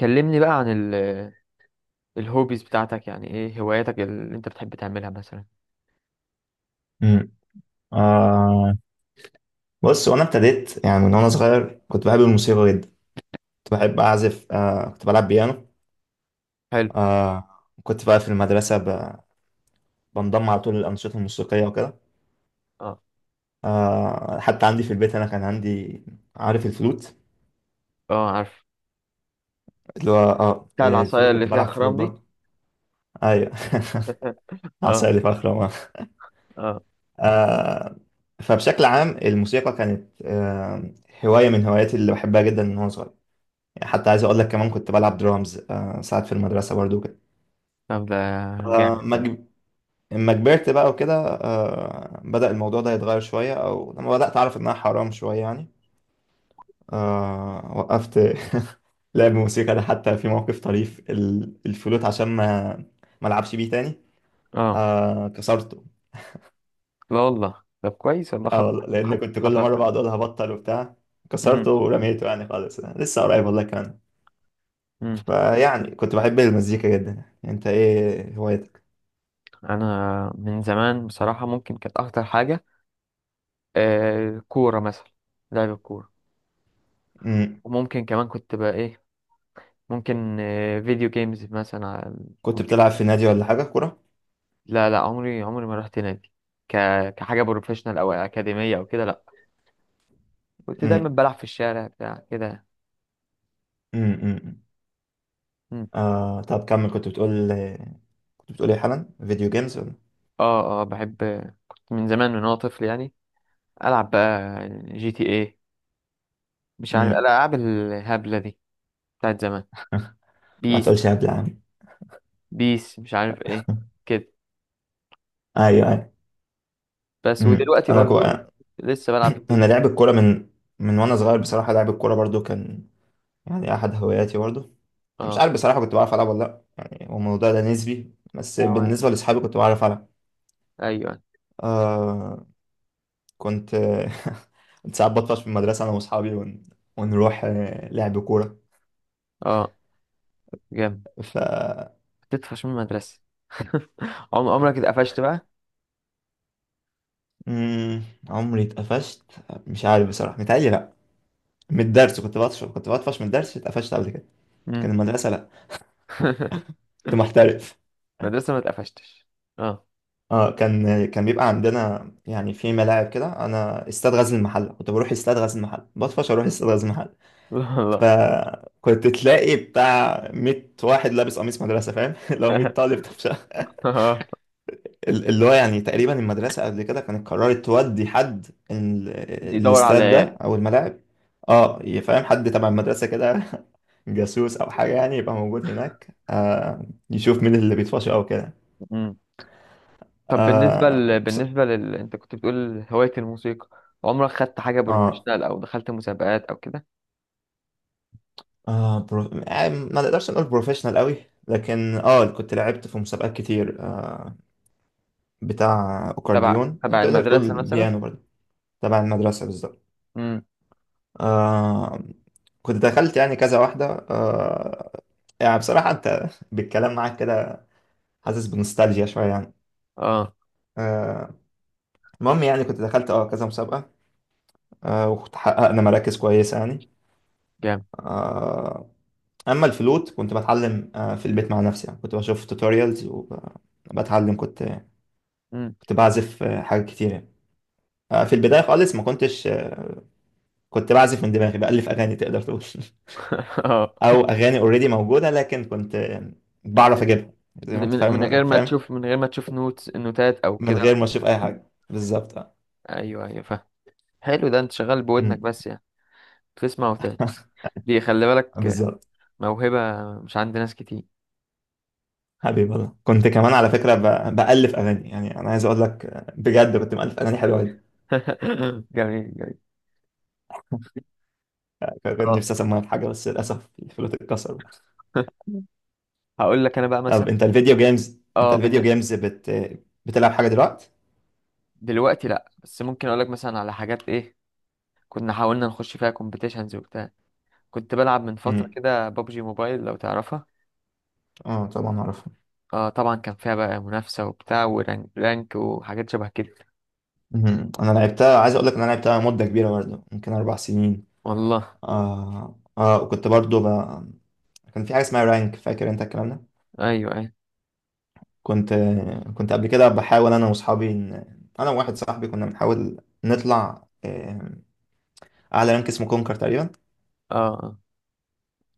كلمني بقى عن الهوبيز بتاعتك، يعني ايه هواياتك اللي انت بتحب تعملها مثلا؟ امم آه بص، وانا ابتديت يعني من وانا صغير كنت بحب الموسيقى جدا. كنت بحب اعزف، كنت بلعب بيانو. حلو. آه كنت بقى في المدرسه بنضم على طول الانشطه الموسيقيه وكده. اه. حتى عندي في البيت انا كان عندي، عارف الفلوت؟ اه، عارف. اللي هو بتاع العصاية الفلوت، اللي كنت فيها بلعب فلوت خرام دي؟ برضه. ايوه. اه. عسالي فخرة. اه. آه فبشكل عام الموسيقى كانت هوايه من هواياتي اللي بحبها جدا من وانا صغير يعني. حتى عايز اقول لك كمان كنت بلعب درامز، ساعات في المدرسه برضو. طب ده جامد فما ده. جب- لما كبرت بقى وكده، بدأ الموضوع ده يتغير شوية أو لما بدأت أعرف إنها حرام شوية يعني. وقفت لعب موسيقى. ده حتى في موقف طريف، الفلوت، عشان ما ألعبش بيه تاني، اه، كسرته. لا والله، طب كويس والله، خطأ والله، لأن خطأ كنت كل خطأ مرة كويس. بقعد أقول هبطل وبتاع. كسرته امم ورميته يعني خالص، لسه قريب والله كمان. امم فيعني كنت بحب المزيكا جدا يعني. أنت إيه هوايتك؟ انا من زمان بصراحة، ممكن كانت اكتر حاجة الكورة مثلا، لعب الكورة. مم. وممكن كمان كنت بقى ايه، ممكن فيديو جيمز مثلا على كنت بتلعب الكمبيوتر. في نادي ولا حاجة كورة؟ لا، عمري ما رحت نادي، ك... كحاجة بروفيشنال أو أكاديمية أو كده، لا. كنت دايما مم. بلعب في الشارع بتاع كده. مم. مم. مم. طب كمل، كنت بتقول، كنت بتقول ايه حالا، فيديو جيمز ولا؟ اه، بحب. كنت من زمان، من وأنا طفل يعني، ألعب بقى جي تي ايه، مش عارف مم. الألعاب الهبلة دي بتاعت زمان، ما بيس، تقولش قبل يا عم. بيس مش عارف ايه كده. ايوه ايوه. بس مم. ودلوقتي انا كو... برضو لسه بلعب فيديو انا جيم. لعب الكوره من وانا صغير بصراحه، لعب الكوره برضو كان يعني احد هواياتي برضو. انا مش اه، عارف بصراحه كنت بعرف العب ولا لا، يعني هو الموضوع ده نسبي، بس أو أنا- بالنسبه لاصحابي كنت بعرف العب. أيوه أيوه. آه كنت كنت ساعات بطفش في المدرسه انا واصحابي ونروح لعب كوره. اه، جامد. ف تطفش من المدرسة؟ عمرك اتقفشت بقى؟ مم، عمري اتقفشت. مش عارف بصراحه، متهيألي لا. من الدرس كنت بطفش من الدرس، اتقفشت قبل كده كان؟ مم. المدرسة لا، كنت محترف. مدرسة ما اتقفشتش؟ اه. اه، كان بيبقى عندنا يعني في ملاعب كده، انا استاد غزل المحله كنت بروح استاد غزل المحله، بطفش اروح استاد غزل المحله، لا فكنت تلاقي بتاع 100 واحد لابس قميص مدرسه فاهم، لو 100 لا طالب طفشه. اللي هو يعني تقريبا المدرسة قبل كده كانت قررت تودي حد، يدور على الاستاد ده العيال. أو الملاعب. اه، يفهم حد تبع المدرسة كده، جاسوس أو حاجة يعني، يبقى موجود هناك، يشوف مين اللي بيطفش أو كده. مم. طب بالنسبة آه ل... بس. بالنسبة لل... انت كنت بتقول هواية الموسيقى، عمرك خدت حاجة اه، بروفيشنال او دخلت مسابقات او كده؟ يعني ما نقدرش نقول بروفيشنال قوي لكن اه كنت لعبت في مسابقات كتير، آه. بتاع تبع، أكورديون، تبع تقدر تقول المدرسة مثلا؟ بيانو برضه. تبع المدرسة بالظبط. امم. آه كنت دخلت يعني كذا واحدة. آه يعني بصراحة أنت بالكلام معاك كده حاسس بنوستالجيا شوية يعني. اه، آه، المهم يعني كنت دخلت اه كذا مسابقة، وكنت حققنا مراكز كويسة يعني. جامد. آه أما الفلوت كنت بتعلم في البيت مع نفسي يعني، كنت بشوف توتوريالز وبتعلم. كنت امم. كنت بعزف حاجات كتير يعني. في البداية خالص ما كنتش، كنت بعزف من دماغي، بألف أغاني تقدر تقول. اه، او اغاني اوريدي موجوده لكن كنت بعرف اجيبها زي ما انت من فاهم. غير ما تشوف، من غير ما تشوف نوتس، نوتات او من كده؟ غير ما اشوف اي حاجه بالظبط، اه. ايوه ايوه، فاهم. حلو، ده انت شغال بودنك أمم. بس يعني، تسمع وتهت. دي خلي بالك، بالظبط. موهبة مش عند ناس كتير. حبيبي والله كنت كمان على فكره بالف اغاني، يعني انا عايز اقول لك بجد كنت مالف اغاني حلوه جدا. جميل جميل. كان اه. نفسي اسميها في حاجه، بس للاسف الفلوت اتكسر. هقول لك انا بقى طب مثلا. انت الفيديو جيمز، اه بن... بتلعب حاجه دلوقتي؟ دلوقتي لا، بس ممكن اقول لك مثلا على حاجات ايه كنا حاولنا نخش فيها كومبيتيشنز وبتاع. كنت بلعب من فترة امم. كده بابجي موبايل، لو تعرفها. اه طبعا اعرفها. اه طبعا، كان فيها بقى منافسة وبتاع ورانك وحاجات شبه كده. أمم. انا لعبتها، عايز اقول لك ان انا لعبتها مده كبيره برضه، ممكن 4 سنين. والله. اه اه، وكنت برضه كان في حاجة اسمها رانك، فاكر انت الكلام ده؟ ايوه ايوه. كنت كنت قبل كده بحاول انا واصحابي، انا وواحد صاحبي كنا بنحاول نطلع، اعلى رانك اسمه كونكر تقريبا. اه. آه.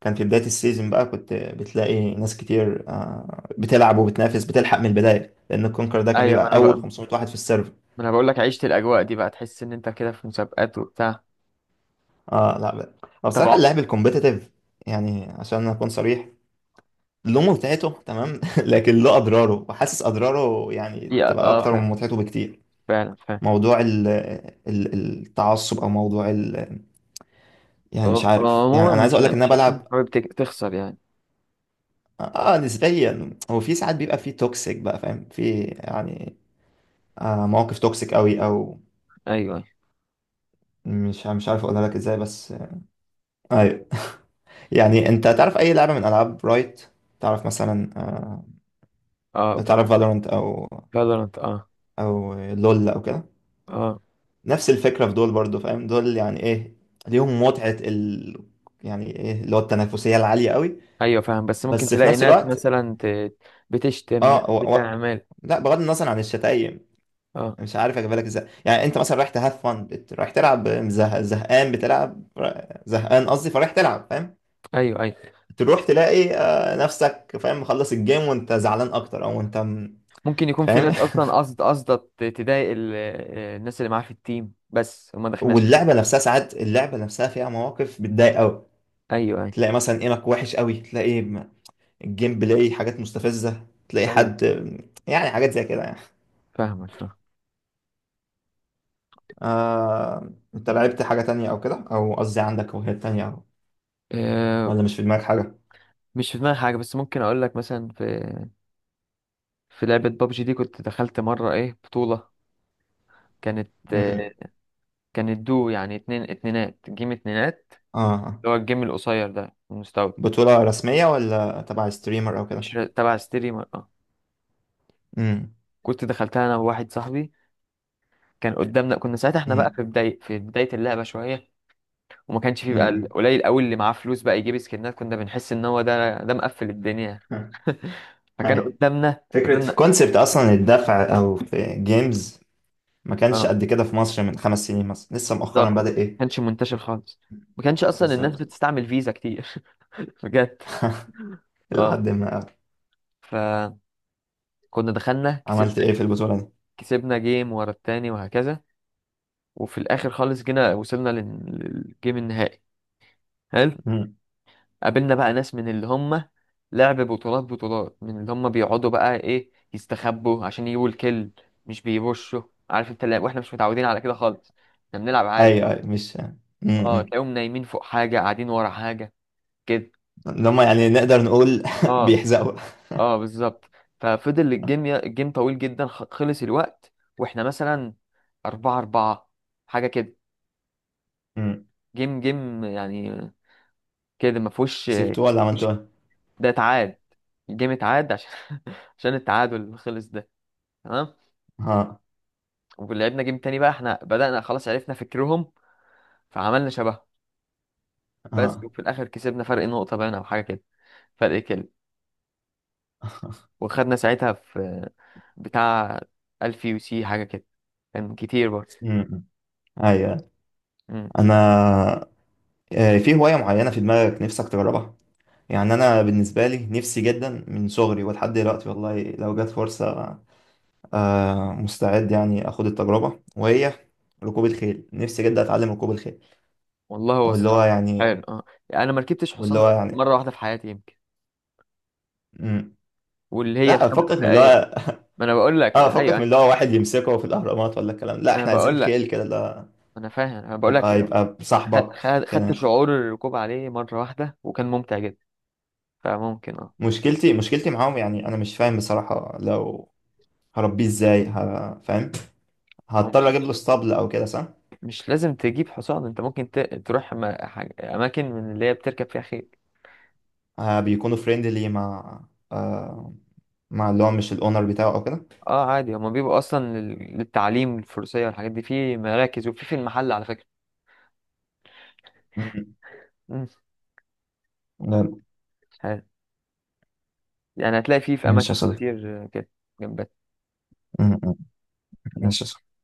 كان في بداية السيزون بقى كنت بتلاقي ناس كتير، بتلعب وبتنافس بتلحق من البداية، لان الكونكر ده كان ايوه، ما بيبقى انا بقى اول ما 500 واحد في السيرفر. انا بقول لك عشت الاجواء دي بقى، تحس ان انت كده في مسابقات وبتاع. اه لا بقى. هو بصراحة طبعا. اللعب الكومبيتيتيف، يعني عشان اكون صريح، له متعته تمام لكن له اضراره، وحاسس اضراره يعني يا تبقى اه اكتر فعلا، من متعته بكتير. فعلا. موضوع ال ال التعصب، او موضوع يعني مش عارف، يعني عموما انا عايز مش اقول لك ان انا هتكون بلعب. حابب تخسر يعني. اه، نسبيا هو في ساعات بيبقى في توكسيك بقى فاهم، في يعني مواقف توكسيك قوي، او ايوه أيوة. مش عارف اقولها لك ازاي بس آه. ايوه. يعني انت تعرف اي لعبه من العاب رايت، تعرف مثلا، اه، تعرف فالورنت او فالورانت اه. او لول او كده، اه، نفس الفكره في دول برضو، فاهم دول يعني ايه؟ ليهم متعه يعني ايه، اللي هو التنافسيه العاليه قوي. ايوه فاهم، بس ممكن بس في تلاقي نفس ناس الوقت، مثلا بتشتم ناس، اه و... و... بتعمل. لا بغض النظر عن الشتايم، اه. مش عارف اجيبها لك ازاي، يعني انت مثلا رايح تهاف فن، رايح تلعب زهقان، بتلعب زهقان قصدي، فرايح تلعب فاهم. ايوه ايوه، تروح تلاقي، نفسك فاهم مخلص الجيم وانت زعلان اكتر، او انت ممكن يكون في فاهم. ناس اصلا، قصد تضايق ال... آه، الناس اللي معاه في التيم، بس وما دخلناش. واللعبه نفسها ساعات، اللعبه نفسها فيها مواقف بتضايق قوي، ايوه ايوه. تلاقي مثلا ايمك وحش قوي، تلاقي الجيم بلاي حاجات مستفزه، تلاقي ايوه، حد، يعني حاجات زي كده يعني. فاهمك، فاهم. انت لعبت حاجه تانية او كده، او قصدي عندك هوايات تانية آه، ولا مش في دماغك حاجة؟ مش في دماغي حاجه، بس ممكن اقول لك مثلا في في لعبه بابجي دي، كنت دخلت مره ايه بطوله. كانت امم. آه، كانت دو، يعني اتنين، اتنينات جيم، اتنينات، اه آه. اللي هو الجيم القصير ده المستوى. بطولة رسمية ولا تبع ستريمر او مش، كده؟ تبع ستريمر اه. امم. كنت دخلتها انا وواحد صاحبي. كان قدامنا، كنا ساعتها احنا بقى امم. في بداية، في بداية اللعبة شوية، وما كانش فيه بقى، امم. قليل قوي اللي معاه فلوس بقى يجيب سكنات. كنا بنحس ان هو ده، ده مقفل الدنيا. فكان هاي، قدامنا، فكرة في فضلنا. كونسبت اصلا الدفع، او في جيمز، ما كانش اه قد كده في مصر من 5 سنين مثلا، لسه مؤخرا بالظبط، ما بدأ ايه. كانش منتشر خالص، ما كانش اصلا الناس بالظبط. بتستعمل فيزا كتير. بجد. اه، لحد ما. فكنا دخلنا، عملت كسبنا. ايه في البطولة دي؟ كسبنا جيم ورا التاني وهكذا، وفي الاخر خالص جينا وصلنا للجيم النهائي. حلو. امم. قابلنا بقى ناس من اللي هم لعب بطولات من اللي هم بيقعدوا بقى ايه، يستخبوا عشان يجيبوا الكل، مش بيبشوا. عارف انت، واحنا مش متعودين على كده خالص، احنا بنلعب عادي. ايوه ايوه مش، اه، امم، تلاقيهم نايمين فوق حاجة، قاعدين ورا حاجة كده. اللي هم يعني نقدر نقول، اه. بيحزقوا. اه بالظبط. ففضل الجيم، الجيم طويل جدا، خلص الوقت واحنا مثلا 4-4، حاجة كده. امم. جيم جيم يعني كده، ما فيهوش. كسبتوه ولا عملتوا مش، ايه؟ ده اتعاد، الجيم اتعاد عشان عشان التعادل اللي خلص ده. تمام، ها. ولعبنا جيم تاني بقى، احنا بدأنا خلاص عرفنا فكرهم، فعملنا شبههم بس، ها. وفي الآخر كسبنا فرق نقطة باين أو حاجة كده، فرق كده. وخدنا ساعتها في بتاع 1000 يو سي حاجة كده، كان كتير برضه. امم. ايوه. مم. انا، في هواية معينة في دماغك نفسك تجربها؟ يعني أنا بالنسبة لي نفسي جدا من صغري ولحد دلوقتي، والله لو جت فرصة، مستعد يعني أخد التجربة، وهي ركوب الخيل. نفسي جدا أتعلم ركوب الخيل. والله هو واللي هو الصراحة يعني حلو، اه. أنا ما ركبتش حصان واللي هو غير يعني مرة واحدة في حياتي يمكن، مم. واللي هي لا الخمس فكك من اللي دقايق هو، ما أنا بقول لك اه أيوه فكك من أيوة. اللي هو واحد يمسكه في الأهرامات ولا الكلام، لا أنا احنا عايزين بقول لك، خيل كده، لا أنا فاهم، أنا بقول لك يبقى صاحبك خدت كده. شعور الركوب عليه مرة واحدة وكان ممتع جدا، فممكن اه. مشكلتي معاهم، يعني أنا مش فاهم بصراحة، لو هربيه ازاي، فاهم؟ هضطر ممكن اجيب له اسطبل او كده صح؟ مش لازم تجيب حصان، انت ممكن تروح اماكن من اللي هي بتركب فيها خيل. بيكونوا فريندلي مع، آه مع اللي هو مش الاونر بتاعه او كده؟ اه عادي، هما بيبقوا اصلا للتعليم الفروسية والحاجات دي في مراكز، وفي في المحل على فكرة. مم. مم. لا. ها- يعني هتلاقي فيه في ماشي اماكن يا صديقي. كتير كده، جنبات. مم. مم. بس. ماشي يا صديقي.